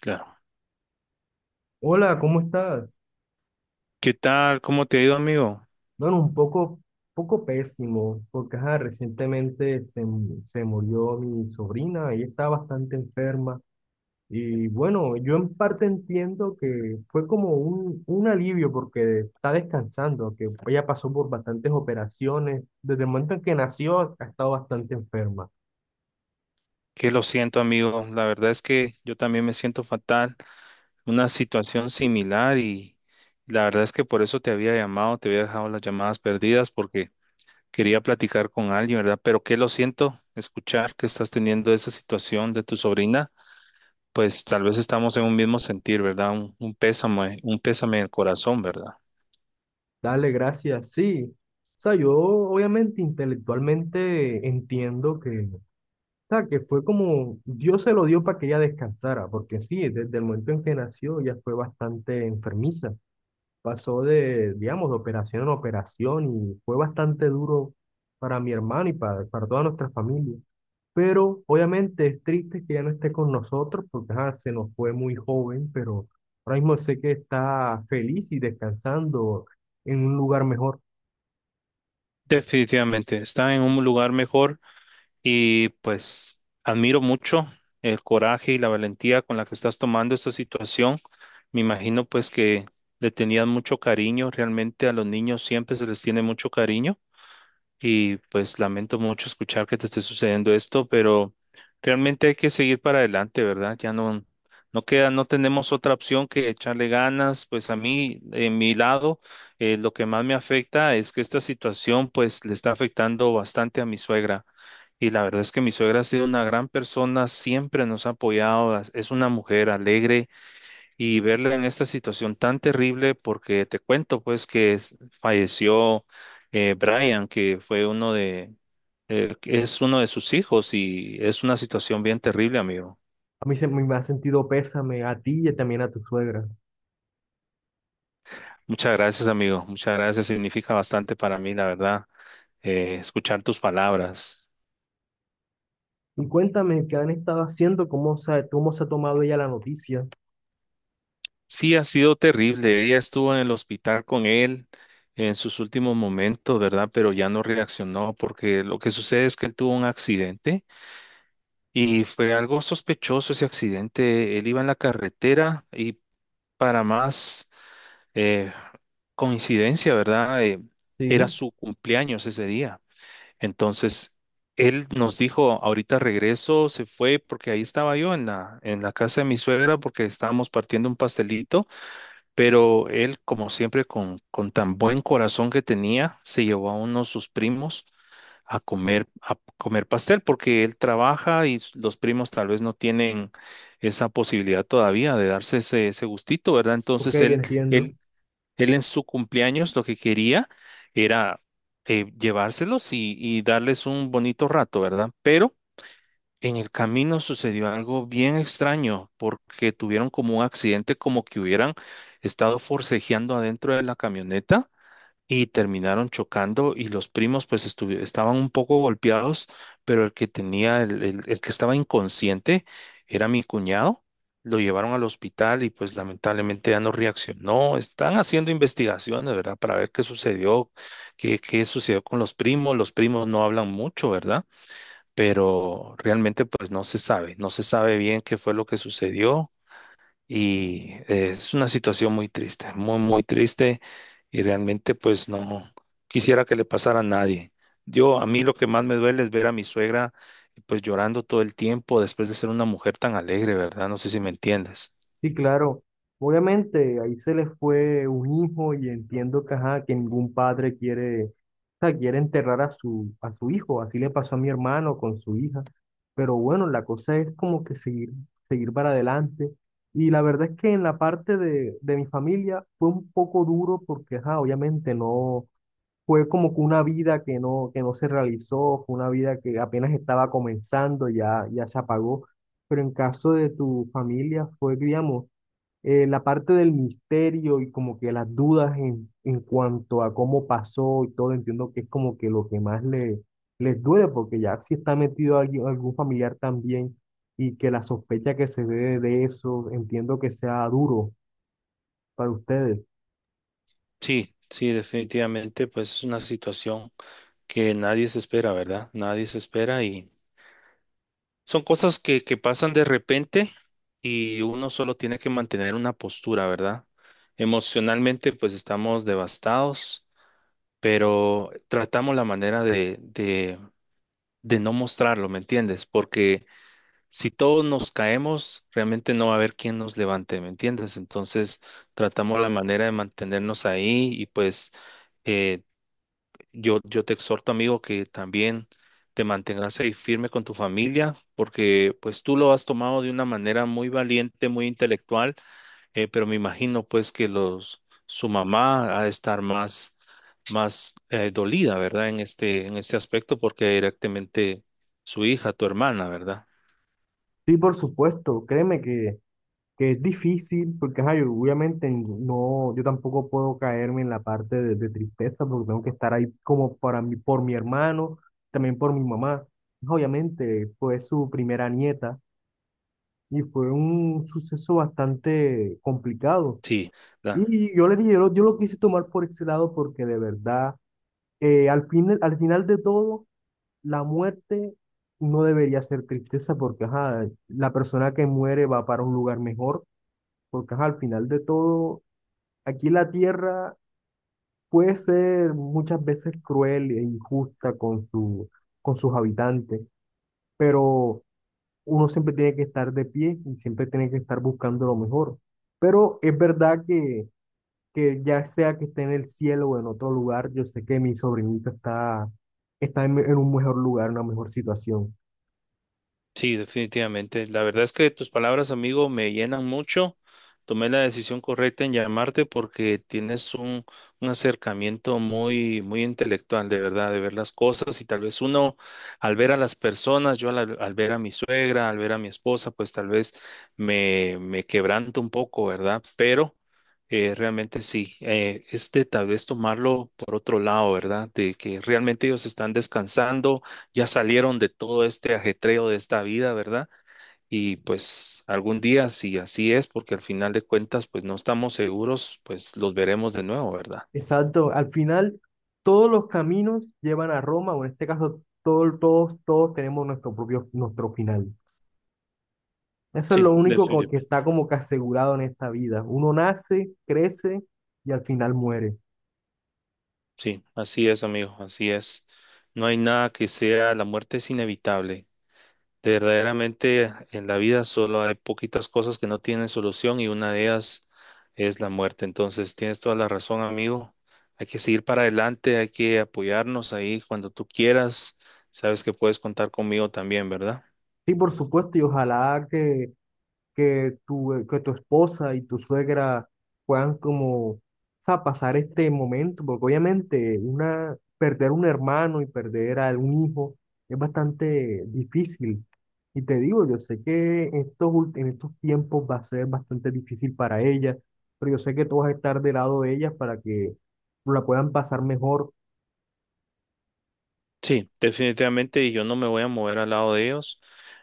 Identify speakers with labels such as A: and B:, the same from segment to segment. A: Claro.
B: Hola, ¿cómo estás?
A: ¿Qué tal? ¿Cómo te ha ido, amigo?
B: Bueno, un poco, pésimo, porque ajá, recientemente se murió mi sobrina, ella está bastante enferma. Y bueno, yo en parte entiendo que fue como un alivio porque está descansando, que ella pasó por bastantes operaciones. Desde el momento en que nació, ha estado bastante enferma.
A: Que lo siento, amigo. La verdad es que yo también me siento fatal. Una situación similar y la verdad es que por eso te había llamado, te había dejado las llamadas perdidas porque quería platicar con alguien, ¿verdad? Pero que lo siento escuchar que estás teniendo esa situación de tu sobrina. Pues tal vez estamos en un mismo sentir, ¿verdad? Un pésame, un pésame en el corazón, ¿verdad?
B: Dale, gracias, sí. O sea, yo obviamente intelectualmente entiendo que fue como Dios se lo dio para que ella descansara, porque sí, desde el momento en que nació ya fue bastante enfermiza. Pasó de, digamos, de operación en operación y fue bastante duro para mi hermano y para toda nuestra familia. Pero obviamente es triste que ya no esté con nosotros porque ajá, se nos fue muy joven, pero ahora mismo sé que está feliz y descansando en un lugar mejor.
A: Definitivamente, está en un lugar mejor. Y pues admiro mucho el coraje y la valentía con la que estás tomando esta situación. Me imagino pues que le tenían mucho cariño. Realmente a los niños siempre se les tiene mucho cariño y pues lamento mucho escuchar que te esté sucediendo esto, pero realmente hay que seguir para adelante, ¿verdad? Ya no, queda, no tenemos otra opción que echarle ganas. Pues a mí, en mi lado, lo que más me afecta es que esta situación pues le está afectando bastante a mi suegra. Y la verdad es que mi suegra ha sido una gran persona, siempre nos ha apoyado, es una mujer alegre y verla en esta situación tan terrible, porque te cuento pues que falleció Brian, que fue que es uno de sus hijos y es una situación bien terrible, amigo.
B: A mí se me ha sentido pésame a ti y también a tu suegra.
A: Muchas gracias, amigo. Muchas gracias. Significa bastante para mí, la verdad, escuchar tus palabras.
B: Y cuéntame qué han estado haciendo, cómo se ha tomado ella la noticia.
A: Sí, ha sido terrible. Ella estuvo en el hospital con él en sus últimos momentos, ¿verdad? Pero ya no reaccionó porque lo que sucede es que él tuvo un accidente. Y fue algo sospechoso ese accidente. Él iba en la carretera y para más eh, coincidencia, ¿verdad? Era
B: Sí,
A: su cumpleaños ese día. Entonces, él nos dijo, ahorita regreso, se fue porque ahí estaba yo en la casa de mi suegra porque estábamos partiendo un pastelito, pero él, como siempre, con tan buen corazón que tenía, se llevó a uno de sus primos a comer pastel, porque él trabaja y los primos tal vez no tienen esa posibilidad todavía de darse ese, ese gustito, ¿verdad?
B: ok, entiendo.
A: Él, él en su cumpleaños lo que quería era llevárselos y darles un bonito rato, ¿verdad? Pero en el camino sucedió algo bien extraño porque tuvieron como un accidente, como que hubieran estado forcejeando adentro de la camioneta y terminaron chocando y los primos pues estaban un poco golpeados, pero el que tenía, el que estaba inconsciente era mi cuñado. Lo llevaron al hospital y pues lamentablemente ya no reaccionó. Están haciendo investigaciones, ¿verdad? Para ver qué sucedió, qué sucedió con los primos. Los primos no hablan mucho, ¿verdad? Pero realmente pues no se sabe, no se sabe bien qué fue lo que sucedió y es una situación muy triste, muy, muy triste y realmente pues no quisiera que le pasara a nadie. Yo, a mí lo que más me duele es ver a mi suegra pues llorando todo el tiempo después de ser una mujer tan alegre, ¿verdad? No sé si me entiendes.
B: Sí, claro. Obviamente, ahí se les fue un hijo y entiendo que, ajá, que ningún padre quiere, o sea, quiere enterrar a su hijo. Así le pasó a mi hermano con su hija. Pero bueno, la cosa es como que seguir, seguir para adelante. Y la verdad es que en la parte de mi familia fue un poco duro porque, ajá, obviamente no, fue como que una vida que no se realizó, fue una vida que apenas estaba comenzando, ya, ya se apagó. Pero en caso de tu familia fue, digamos, la parte del misterio y como que las dudas en cuanto a cómo pasó y todo, entiendo que es como que lo que más les duele, porque ya si está metido alguien, algún familiar también y que la sospecha que se ve de eso, entiendo que sea duro para ustedes.
A: Sí, sí, definitivamente pues es una situación que nadie se espera, ¿verdad? Nadie se espera y son cosas que pasan de repente y uno solo tiene que mantener una postura, ¿verdad? Emocionalmente, pues estamos devastados, pero tratamos la manera de no mostrarlo, ¿me entiendes? Porque si todos nos caemos, realmente no va a haber quien nos levante, ¿me entiendes? Entonces, tratamos la manera de mantenernos ahí y pues... eh, yo te exhorto, amigo, que también te mantengas ahí firme con tu familia, porque pues tú lo has tomado de una manera muy valiente, muy intelectual, pero me imagino pues que los, su mamá ha de estar más, más dolida, ¿verdad? En este aspecto, porque directamente su hija, tu hermana, ¿verdad?
B: Sí, por supuesto, créeme que es difícil, porque ajá, yo obviamente no, yo tampoco puedo caerme en la parte de tristeza, porque tengo que estar ahí como para mí, por mi hermano, también por mi mamá. Obviamente fue su primera nieta y fue un suceso bastante complicado.
A: Sí,
B: Y yo le dije, yo lo quise tomar por ese lado porque de verdad, al final de todo, la muerte no debería ser tristeza porque ajá, la persona que muere va para un lugar mejor porque ajá, al final de todo aquí la tierra puede ser muchas veces cruel e injusta con con sus habitantes, pero uno siempre tiene que estar de pie y siempre tiene que estar buscando lo mejor. Pero es verdad que ya sea que esté en el cielo o en otro lugar, yo sé que mi sobrinita está, está en un mejor lugar, una mejor situación.
A: sí, definitivamente. La verdad es que tus palabras, amigo, me llenan mucho. Tomé la decisión correcta en llamarte porque tienes un acercamiento muy, muy intelectual, de verdad, de ver las cosas. Y tal vez uno, al ver a las personas, yo al, al ver a mi suegra, al ver a mi esposa, pues tal vez me, me quebranto un poco, ¿verdad? Pero realmente sí, es de tal vez tomarlo por otro lado, ¿verdad? De que realmente ellos están descansando, ya salieron de todo este ajetreo de esta vida, ¿verdad? Y pues algún día, si así es, porque al final de cuentas, pues no estamos seguros, pues los veremos de nuevo, ¿verdad?
B: Exacto. Al final, todos los caminos llevan a Roma, o en este caso, todos, todos tenemos nuestro propio, nuestro final. Eso es
A: Sí,
B: lo único como que
A: definitivamente.
B: está como que asegurado en esta vida. Uno nace, crece y al final muere.
A: Sí, así es, amigo, así es. No hay nada que sea, la muerte es inevitable. Verdaderamente en la vida solo hay poquitas cosas que no tienen solución y una de ellas es la muerte. Entonces tienes toda la razón, amigo. Hay que seguir para adelante, hay que apoyarnos ahí cuando tú quieras. Sabes que puedes contar conmigo también, ¿verdad?
B: Sí, por supuesto, y ojalá que que tu esposa y tu suegra puedan como, o sea, pasar este momento, porque obviamente una, perder un hermano y perder a un hijo es bastante difícil. Y te digo, yo sé que en en estos tiempos va a ser bastante difícil para ella, pero yo sé que tú vas a estar del lado de ellas para que la puedan pasar mejor.
A: Sí, definitivamente y yo no me voy a mover al lado de ellos.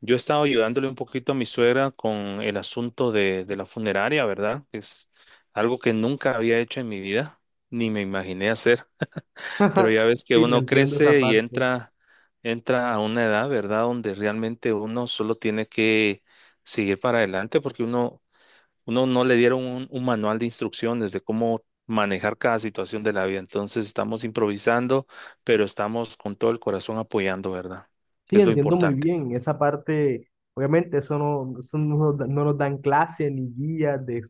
A: Yo he estado ayudándole un poquito a mi suegra con el asunto de la funeraria, ¿verdad? Es algo que nunca había hecho en mi vida, ni me imaginé hacer. Pero ya ves que
B: Sí, te
A: uno
B: entiendo esa
A: crece y
B: parte.
A: entra, entra a una edad, ¿verdad? Donde realmente uno solo tiene que seguir para adelante porque uno, uno no le dieron un manual de instrucciones de cómo manejar cada situación de la vida. Entonces estamos improvisando, pero estamos con todo el corazón apoyando, ¿verdad? Que
B: Sí,
A: es lo
B: entiendo muy
A: importante.
B: bien esa parte. Obviamente, eso no, nos da- no nos dan clase ni guías de,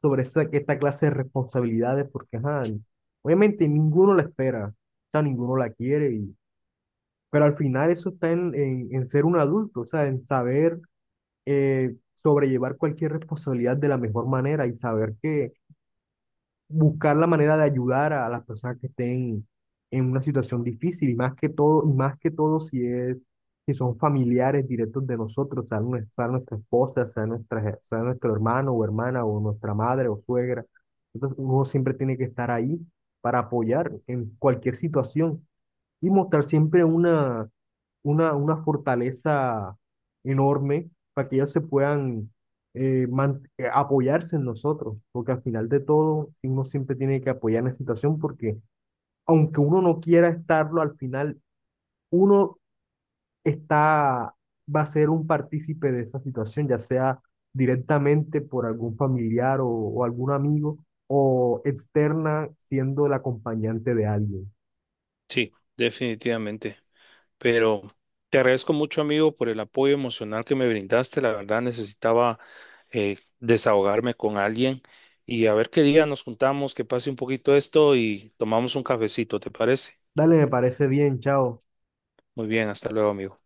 B: sobre esta clase de responsabilidades, porque ajá, obviamente ninguno la espera, o sea, ninguno la quiere, y pero al final eso está en, en ser un adulto, o sea, en saber sobrellevar cualquier responsabilidad de la mejor manera y saber que buscar la manera de ayudar a las personas que estén en una situación difícil, y más que todo, y más que todo si es, si son familiares directos de nosotros, sea, sea nuestra esposa, sea, nuestra, sea nuestro hermano o hermana, o nuestra madre o suegra. Entonces, uno siempre tiene que estar ahí para apoyar en cualquier situación y mostrar siempre una fortaleza enorme para que ellos se puedan apoyarse en nosotros, porque al final de todo uno siempre tiene que apoyar en la situación porque aunque uno no quiera estarlo, al final uno está, va a ser un partícipe de esa situación, ya sea directamente por algún familiar o algún amigo o externa siendo el acompañante de alguien.
A: Sí, definitivamente. Pero te agradezco mucho, amigo, por el apoyo emocional que me brindaste. La verdad, necesitaba desahogarme con alguien y a ver qué día nos juntamos, que pase un poquito esto y tomamos un cafecito, ¿te parece?
B: Dale, me parece bien, chao.
A: Muy bien, hasta luego, amigo.